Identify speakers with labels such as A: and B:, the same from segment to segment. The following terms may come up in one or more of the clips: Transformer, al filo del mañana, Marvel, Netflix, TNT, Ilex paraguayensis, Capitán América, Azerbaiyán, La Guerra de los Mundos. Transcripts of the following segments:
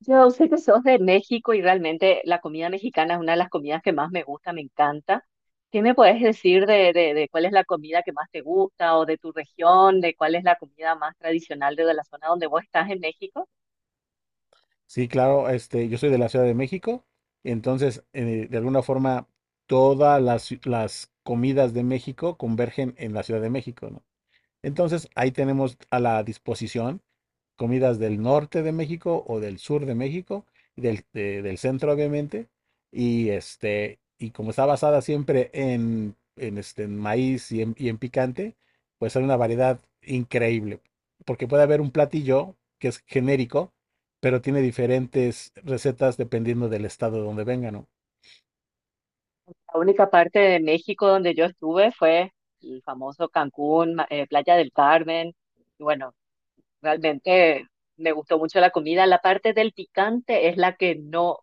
A: Yo sé que sos de México y realmente la comida mexicana es una de las comidas que más me gusta, me encanta. ¿Qué me puedes decir de cuál es la comida que más te gusta o de tu región, de cuál es la comida más tradicional de la zona donde vos estás en México?
B: Sí, claro, yo soy de la Ciudad de México, entonces de alguna forma las comidas de México convergen en la Ciudad de México, ¿no? Entonces ahí tenemos a la disposición comidas del norte de México o del sur de México, del centro obviamente, y y como está basada siempre en maíz y en picante, pues hay una variedad increíble, porque puede haber un platillo que es genérico, pero tiene diferentes recetas dependiendo del estado de donde vengan, ¿no?
A: La única parte de México donde yo estuve fue el famoso Cancún, Playa del Carmen. Y bueno, realmente me gustó mucho la comida. La parte del picante es la que no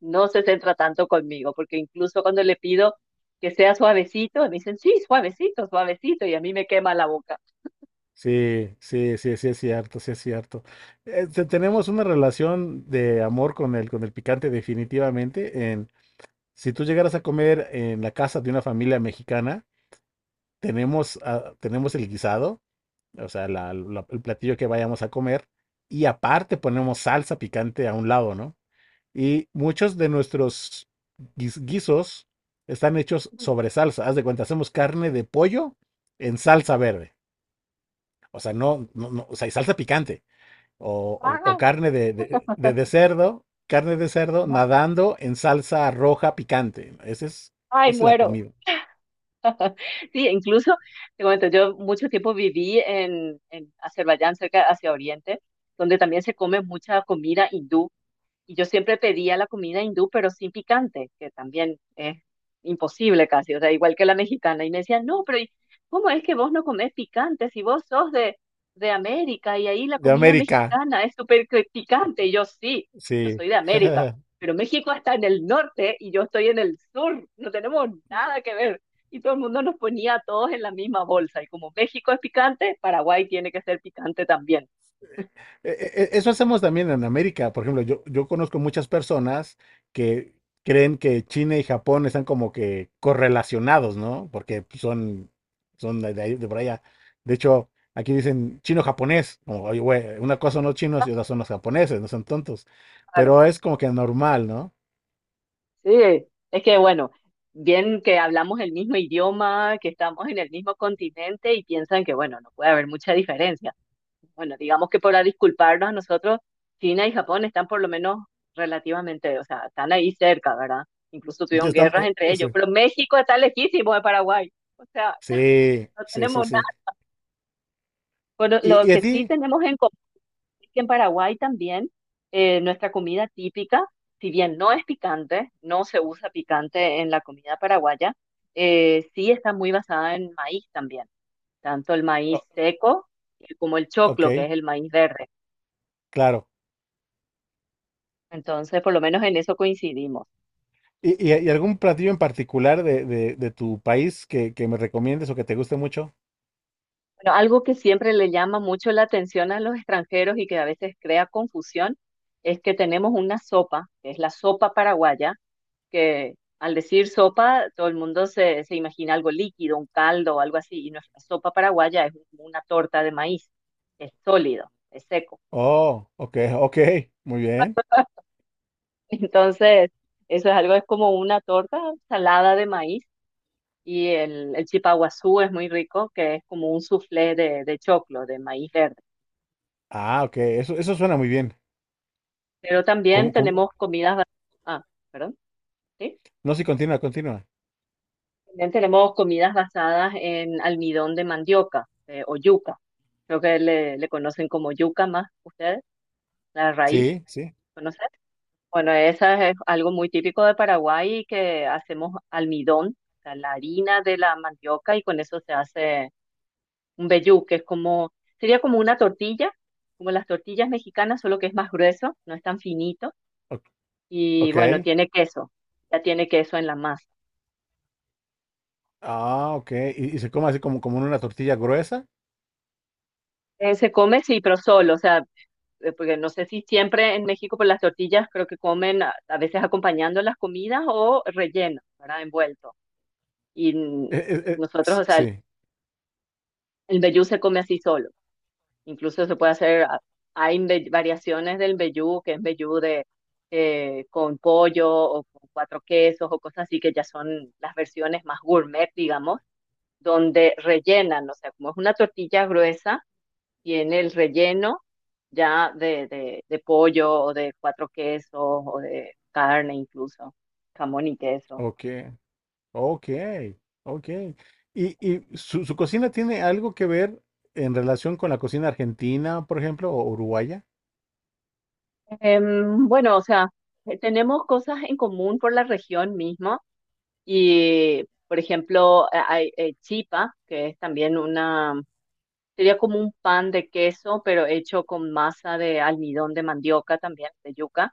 A: no se centra tanto conmigo, porque incluso cuando le pido que sea suavecito, me dicen, sí, suavecito, suavecito, y a mí me quema la boca.
B: Sí, sí, sí, sí es cierto, sí es cierto. Tenemos una relación de amor con el picante definitivamente. Si tú llegaras a comer en la casa de una familia mexicana, tenemos, ah, tenemos el guisado, o sea, el platillo que vayamos a comer, y aparte ponemos salsa picante a un lado, ¿no? Y muchos de nuestros guisos están hechos sobre salsa. Haz de cuenta, hacemos carne de pollo en salsa verde. O sea, no, no, no, o sea, y salsa picante. O, o
A: ¡Ah!
B: carne de, de cerdo, carne de cerdo
A: Ajá.
B: nadando en salsa roja picante. Esa
A: Ay,
B: es la
A: muero.
B: comida.
A: Sí, incluso, te comento, yo mucho tiempo viví en Azerbaiyán, cerca hacia Oriente, donde también se come mucha comida hindú. Y yo siempre pedía la comida hindú, pero sin picante, que también es imposible casi, o sea, igual que la mexicana. Y me decían, no, pero ¿cómo es que vos no comés picante si vos sos de América y ahí la
B: De
A: comida
B: América,
A: mexicana es súper picante? Y yo sí, yo
B: sí.
A: soy de América, pero México está en el norte y yo estoy en el sur, no tenemos nada que ver. Y todo el mundo nos ponía a todos en la misma bolsa. Y como México es picante, Paraguay tiene que ser picante también.
B: E- Eso hacemos también en América. Por ejemplo, yo conozco muchas personas que creen que China y Japón están como que correlacionados, ¿no? Porque son, son de, de por allá. De hecho, aquí dicen chino-japonés. Como, oye, güey, una cosa son los chinos y otra son los japoneses, no son tontos. Pero es como que normal, ¿no?
A: Sí, es que bueno, bien que hablamos el mismo idioma, que estamos en el mismo continente y piensan que bueno, no puede haber mucha diferencia. Bueno, digamos que para disculparnos a nosotros, China y Japón están por lo menos relativamente, o sea, están ahí cerca, ¿verdad? Incluso
B: Ya
A: tuvieron
B: estamos-
A: guerras
B: eh,
A: entre ellos, pero México está lejísimo de Paraguay. O sea,
B: sí,
A: no
B: sí, sí,
A: tenemos
B: sí. Sí.
A: nada. Pero lo
B: Y a
A: que sí
B: ti?
A: tenemos en común es que en Paraguay también nuestra comida típica, si bien no es picante, no se usa picante en la comida paraguaya, sí está muy basada en maíz también, tanto el maíz
B: O-
A: seco como el
B: ok,
A: choclo, que es el maíz verde.
B: claro.
A: Entonces, por lo menos en eso coincidimos.
B: ¿Y, y algún platillo en particular de, de tu país que me recomiendes o que te guste mucho?
A: Bueno, algo que siempre le llama mucho la atención a los extranjeros y que a veces crea confusión es que tenemos una sopa, que es la sopa paraguaya, que al decir sopa, todo el mundo se imagina algo líquido, un caldo o algo así, y nuestra sopa paraguaya es como una torta de maíz, es sólido, es seco.
B: Oh, ok, ok, muy bien.
A: Entonces, eso es algo, es como una torta salada de maíz, y el chipaguazú es muy rico, que es como un soufflé de choclo, de maíz verde.
B: Ah, ok, eso suena muy bien.
A: Pero también
B: ¿Cómo, cómo?
A: tenemos Ah, perdón, ¿sí?
B: No, sí, continúa, continúa.
A: También tenemos comidas basadas en almidón de mandioca, o yuca. Creo que le conocen como yuca más ustedes, la raíz,
B: Sí, sí,
A: ¿conocen? Bueno, esa es algo muy típico de Paraguay, que hacemos almidón, o sea, la harina de la mandioca, y con eso se hace un vellú, que es como, sería como una tortilla, como las tortillas mexicanas, solo que es más grueso, no es tan finito,
B: o-
A: y
B: ok.
A: bueno, tiene queso, ya tiene queso en la masa.
B: Ah, ok, y se come así como, como en una tortilla gruesa.
A: Se come, sí, pero solo, o sea, porque no sé si siempre en México por las tortillas creo que comen a veces acompañando las comidas o relleno, ¿verdad? Envuelto. Y nosotros, o sea,
B: Sí,
A: el mbejú se come así solo. Incluso se puede hacer, hay variaciones del mbejú, que es mbejú de, con pollo o con cuatro quesos o cosas así, que ya son las versiones más gourmet, digamos, donde rellenan, o sea, como es una tortilla gruesa y en el relleno ya de pollo o de cuatro quesos o de carne incluso, jamón y queso.
B: ok, ok, ok. Y su, su cocina tiene algo que ver en relación con la cocina argentina, por ejemplo, o uruguaya?
A: Bueno, o sea, tenemos cosas en común por la región misma y, por ejemplo, hay chipa, que es también una, sería como un pan de queso, pero hecho con masa de almidón de mandioca también, de yuca.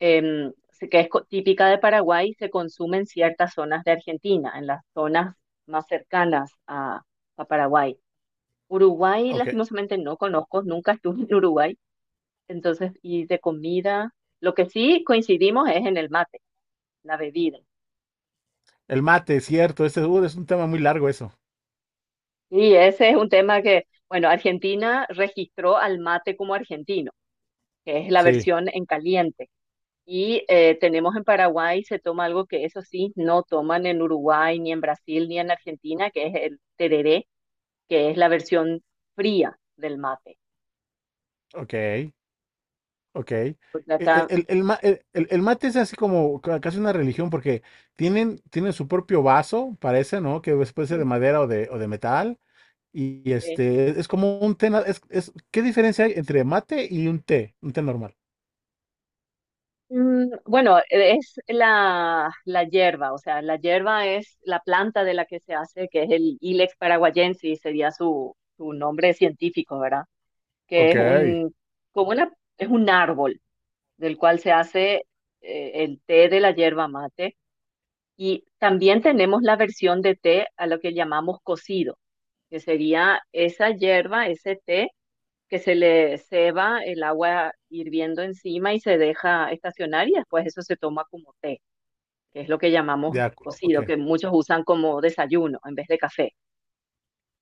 A: Que es típica de Paraguay, se consume en ciertas zonas de Argentina, en las zonas más cercanas a Paraguay. Uruguay,
B: Ok.
A: lastimosamente, no conozco, nunca estuve en Uruguay, entonces, y de comida, lo que sí coincidimos es en el mate, la bebida.
B: El mate, cierto, ese es un tema muy largo eso.
A: Y ese es un tema que, bueno, Argentina registró al mate como argentino, que es la
B: Sí,
A: versión en caliente. Y tenemos en Paraguay, se toma algo que eso sí, no toman en Uruguay, ni en Brasil, ni en Argentina, que es el tereré, que es la versión fría del mate.
B: ok, ok.
A: Porque acá,
B: El, el mate es así como casi una religión porque tienen, tienen su propio vaso, parece, ¿no? Puede ser de madera o de metal. Y,
A: eh,
B: es como un té, es, ¿qué diferencia hay entre mate y un té? Un té normal.
A: bueno, es la hierba, o sea, la hierba es la planta de la que se hace, que es el Ilex paraguayensis, sería su nombre científico, ¿verdad? Que
B: Ok,
A: es un, como una, es un árbol del cual se hace el té de la hierba mate. Y también tenemos la versión de té a lo que llamamos cocido, que sería esa hierba, ese té, que se le ceba el agua hirviendo encima y se deja estacionar y después eso se toma como té, que es lo que llamamos
B: de acuerdo,
A: cocido,
B: ok.
A: que muchos usan como desayuno en vez de café,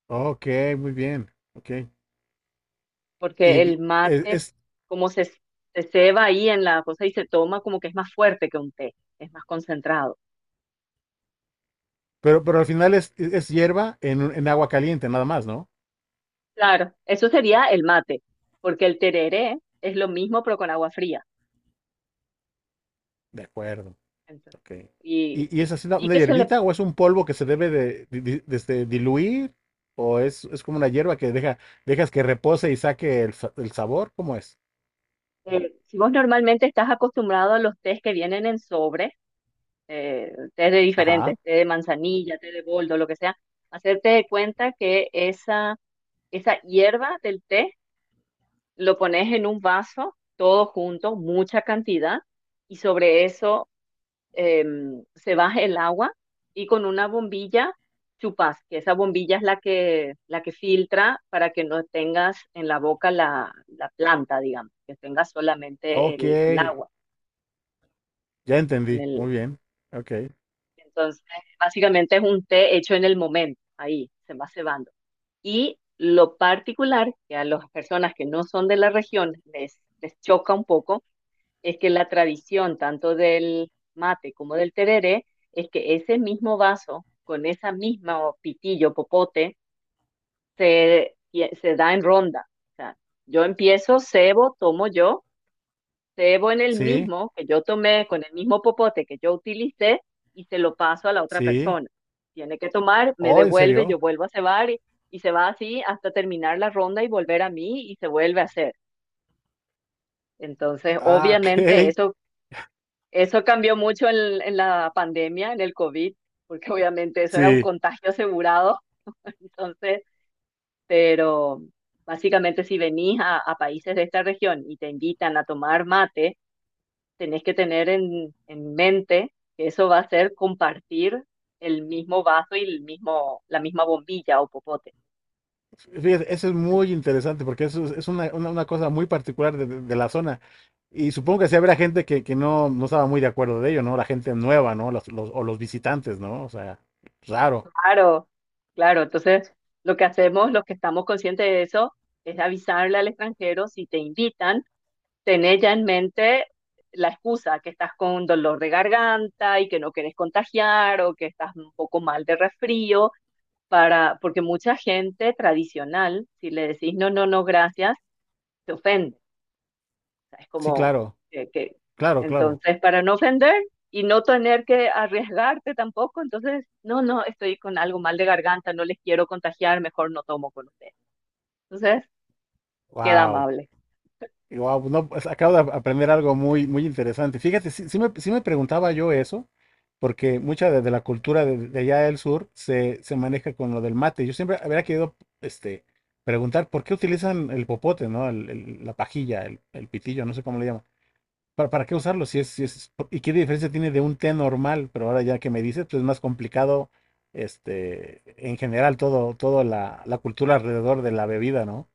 B: Ok, muy bien, ok. Y
A: porque
B: l-
A: el
B: es,
A: mate,
B: es-
A: como se ceba ahí en la cosa y se toma, como que es más fuerte que un té, es más concentrado.
B: pero al final es hierba en, en agua caliente, nada más, ¿no?
A: Claro, eso sería el mate, porque el tereré es lo mismo pero con agua fría.
B: De acuerdo.
A: Entonces,
B: Okay.
A: y,
B: Y es así
A: y
B: una
A: que se le,
B: hierbita o es un polvo que se debe de, diluir? ¿O es como una hierba que deja, dejas que repose y saque el, el sabor? ¿Cómo es?
A: si vos normalmente estás acostumbrado a los tés que vienen en sobre, tés de
B: Ajá.
A: diferentes, té de manzanilla, té de boldo, lo que sea, hacerte de cuenta que esa hierba del té, lo pones en un vaso, todo junto, mucha cantidad, y sobre eso eh, se baja el agua y con una bombilla chupas, que esa bombilla es la que filtra para que no tengas en la boca la planta, digamos, que tengas solamente
B: Ok.
A: el agua.
B: Ya
A: Con
B: entendí.
A: el,
B: Muy bien. Ok.
A: entonces, básicamente es un té hecho en el momento, ahí se va cebando. Y lo particular que a las personas que no son de la región les choca un poco es que la tradición tanto del mate como del tereré es que ese mismo vaso con esa misma pitillo, popote, se, se da en ronda. O sea, yo empiezo, cebo, tomo yo, cebo en el
B: Sí,
A: mismo que yo tomé, con el mismo popote que yo utilicé y se lo paso a la otra
B: sí.
A: persona. Tiene que tomar, me
B: Oh, ¿en
A: devuelve,
B: serio?
A: yo vuelvo a cebar y se va así hasta terminar la ronda y volver a mí y se vuelve a hacer. Entonces,
B: Ah,
A: obviamente
B: ok.
A: eso, eso cambió mucho en la pandemia, en el COVID, porque obviamente eso era un
B: Sí.
A: contagio asegurado. Entonces, pero básicamente si venís a países de esta región y te invitan a tomar mate, tenés que tener en mente que eso va a ser compartir el mismo vaso y el mismo, la misma bombilla o popote.
B: Fíjate, eso es muy interesante porque eso es una, una cosa muy particular de, de la zona. Y supongo que sí habrá gente que no, no estaba muy de acuerdo de ello, ¿no? La gente nueva, ¿no? Los, o los visitantes, ¿no? O sea, raro.
A: Claro, claro. Entonces, lo que hacemos, los que estamos conscientes de eso, es avisarle al extranjero si te invitan tener ya en mente la excusa que estás con dolor de garganta y que no quieres contagiar o que estás un poco mal de resfrío, para, porque mucha gente tradicional, si le decís no, no, no, gracias, se ofende. O sea, es
B: Sí,
A: como
B: claro,
A: eh, que,
B: claro, claro.
A: entonces, para no ofender y no tener que arriesgarte tampoco, entonces, no, no, estoy con algo mal de garganta, no les quiero contagiar, mejor no tomo con ustedes. Entonces, queda
B: Wow.
A: amable.
B: Wow, no, pues, acabo de aprender algo muy, muy interesante. Fíjate, sí, sí me preguntaba yo eso, porque mucha de la cultura de allá del sur se, se maneja con lo del mate. Yo siempre habría querido preguntar por qué utilizan el popote, ¿no? La pajilla, el pitillo, no sé cómo le llaman. Para qué usarlo? Si es, si es, ¿y qué diferencia tiene de un té normal? Pero ahora ya que me dices, pues es más complicado, en general, todo, toda la, la cultura alrededor de la bebida, ¿no?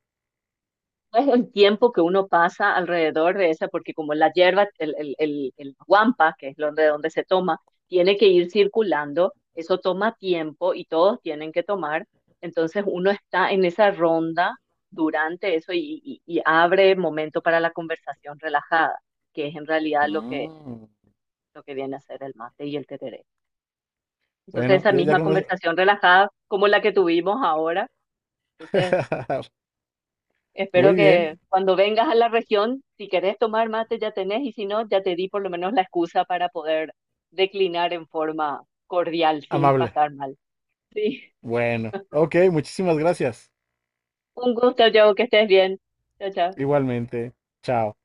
A: Es el tiempo que uno pasa alrededor de esa, porque como la hierba, el guampa, que es donde, donde se toma, tiene que ir circulando, eso toma tiempo y todos tienen que tomar, entonces uno está en esa ronda durante eso y, y abre momento para la conversación relajada, que es en realidad
B: Mm.
A: lo que viene a ser el mate y el tereré. Entonces
B: Bueno,
A: esa
B: ya, ya
A: misma
B: con eso.
A: conversación relajada como la que tuvimos ahora, entonces espero
B: Muy
A: que
B: bien,
A: cuando vengas a la región, si querés tomar mate ya tenés y si no, ya te di por lo menos la excusa para poder declinar en forma cordial sin
B: amable.
A: pasar mal. Sí,
B: Bueno, ok, muchísimas gracias.
A: un gusto, Joe, que estés bien. Chao, chao.
B: Igualmente, chao.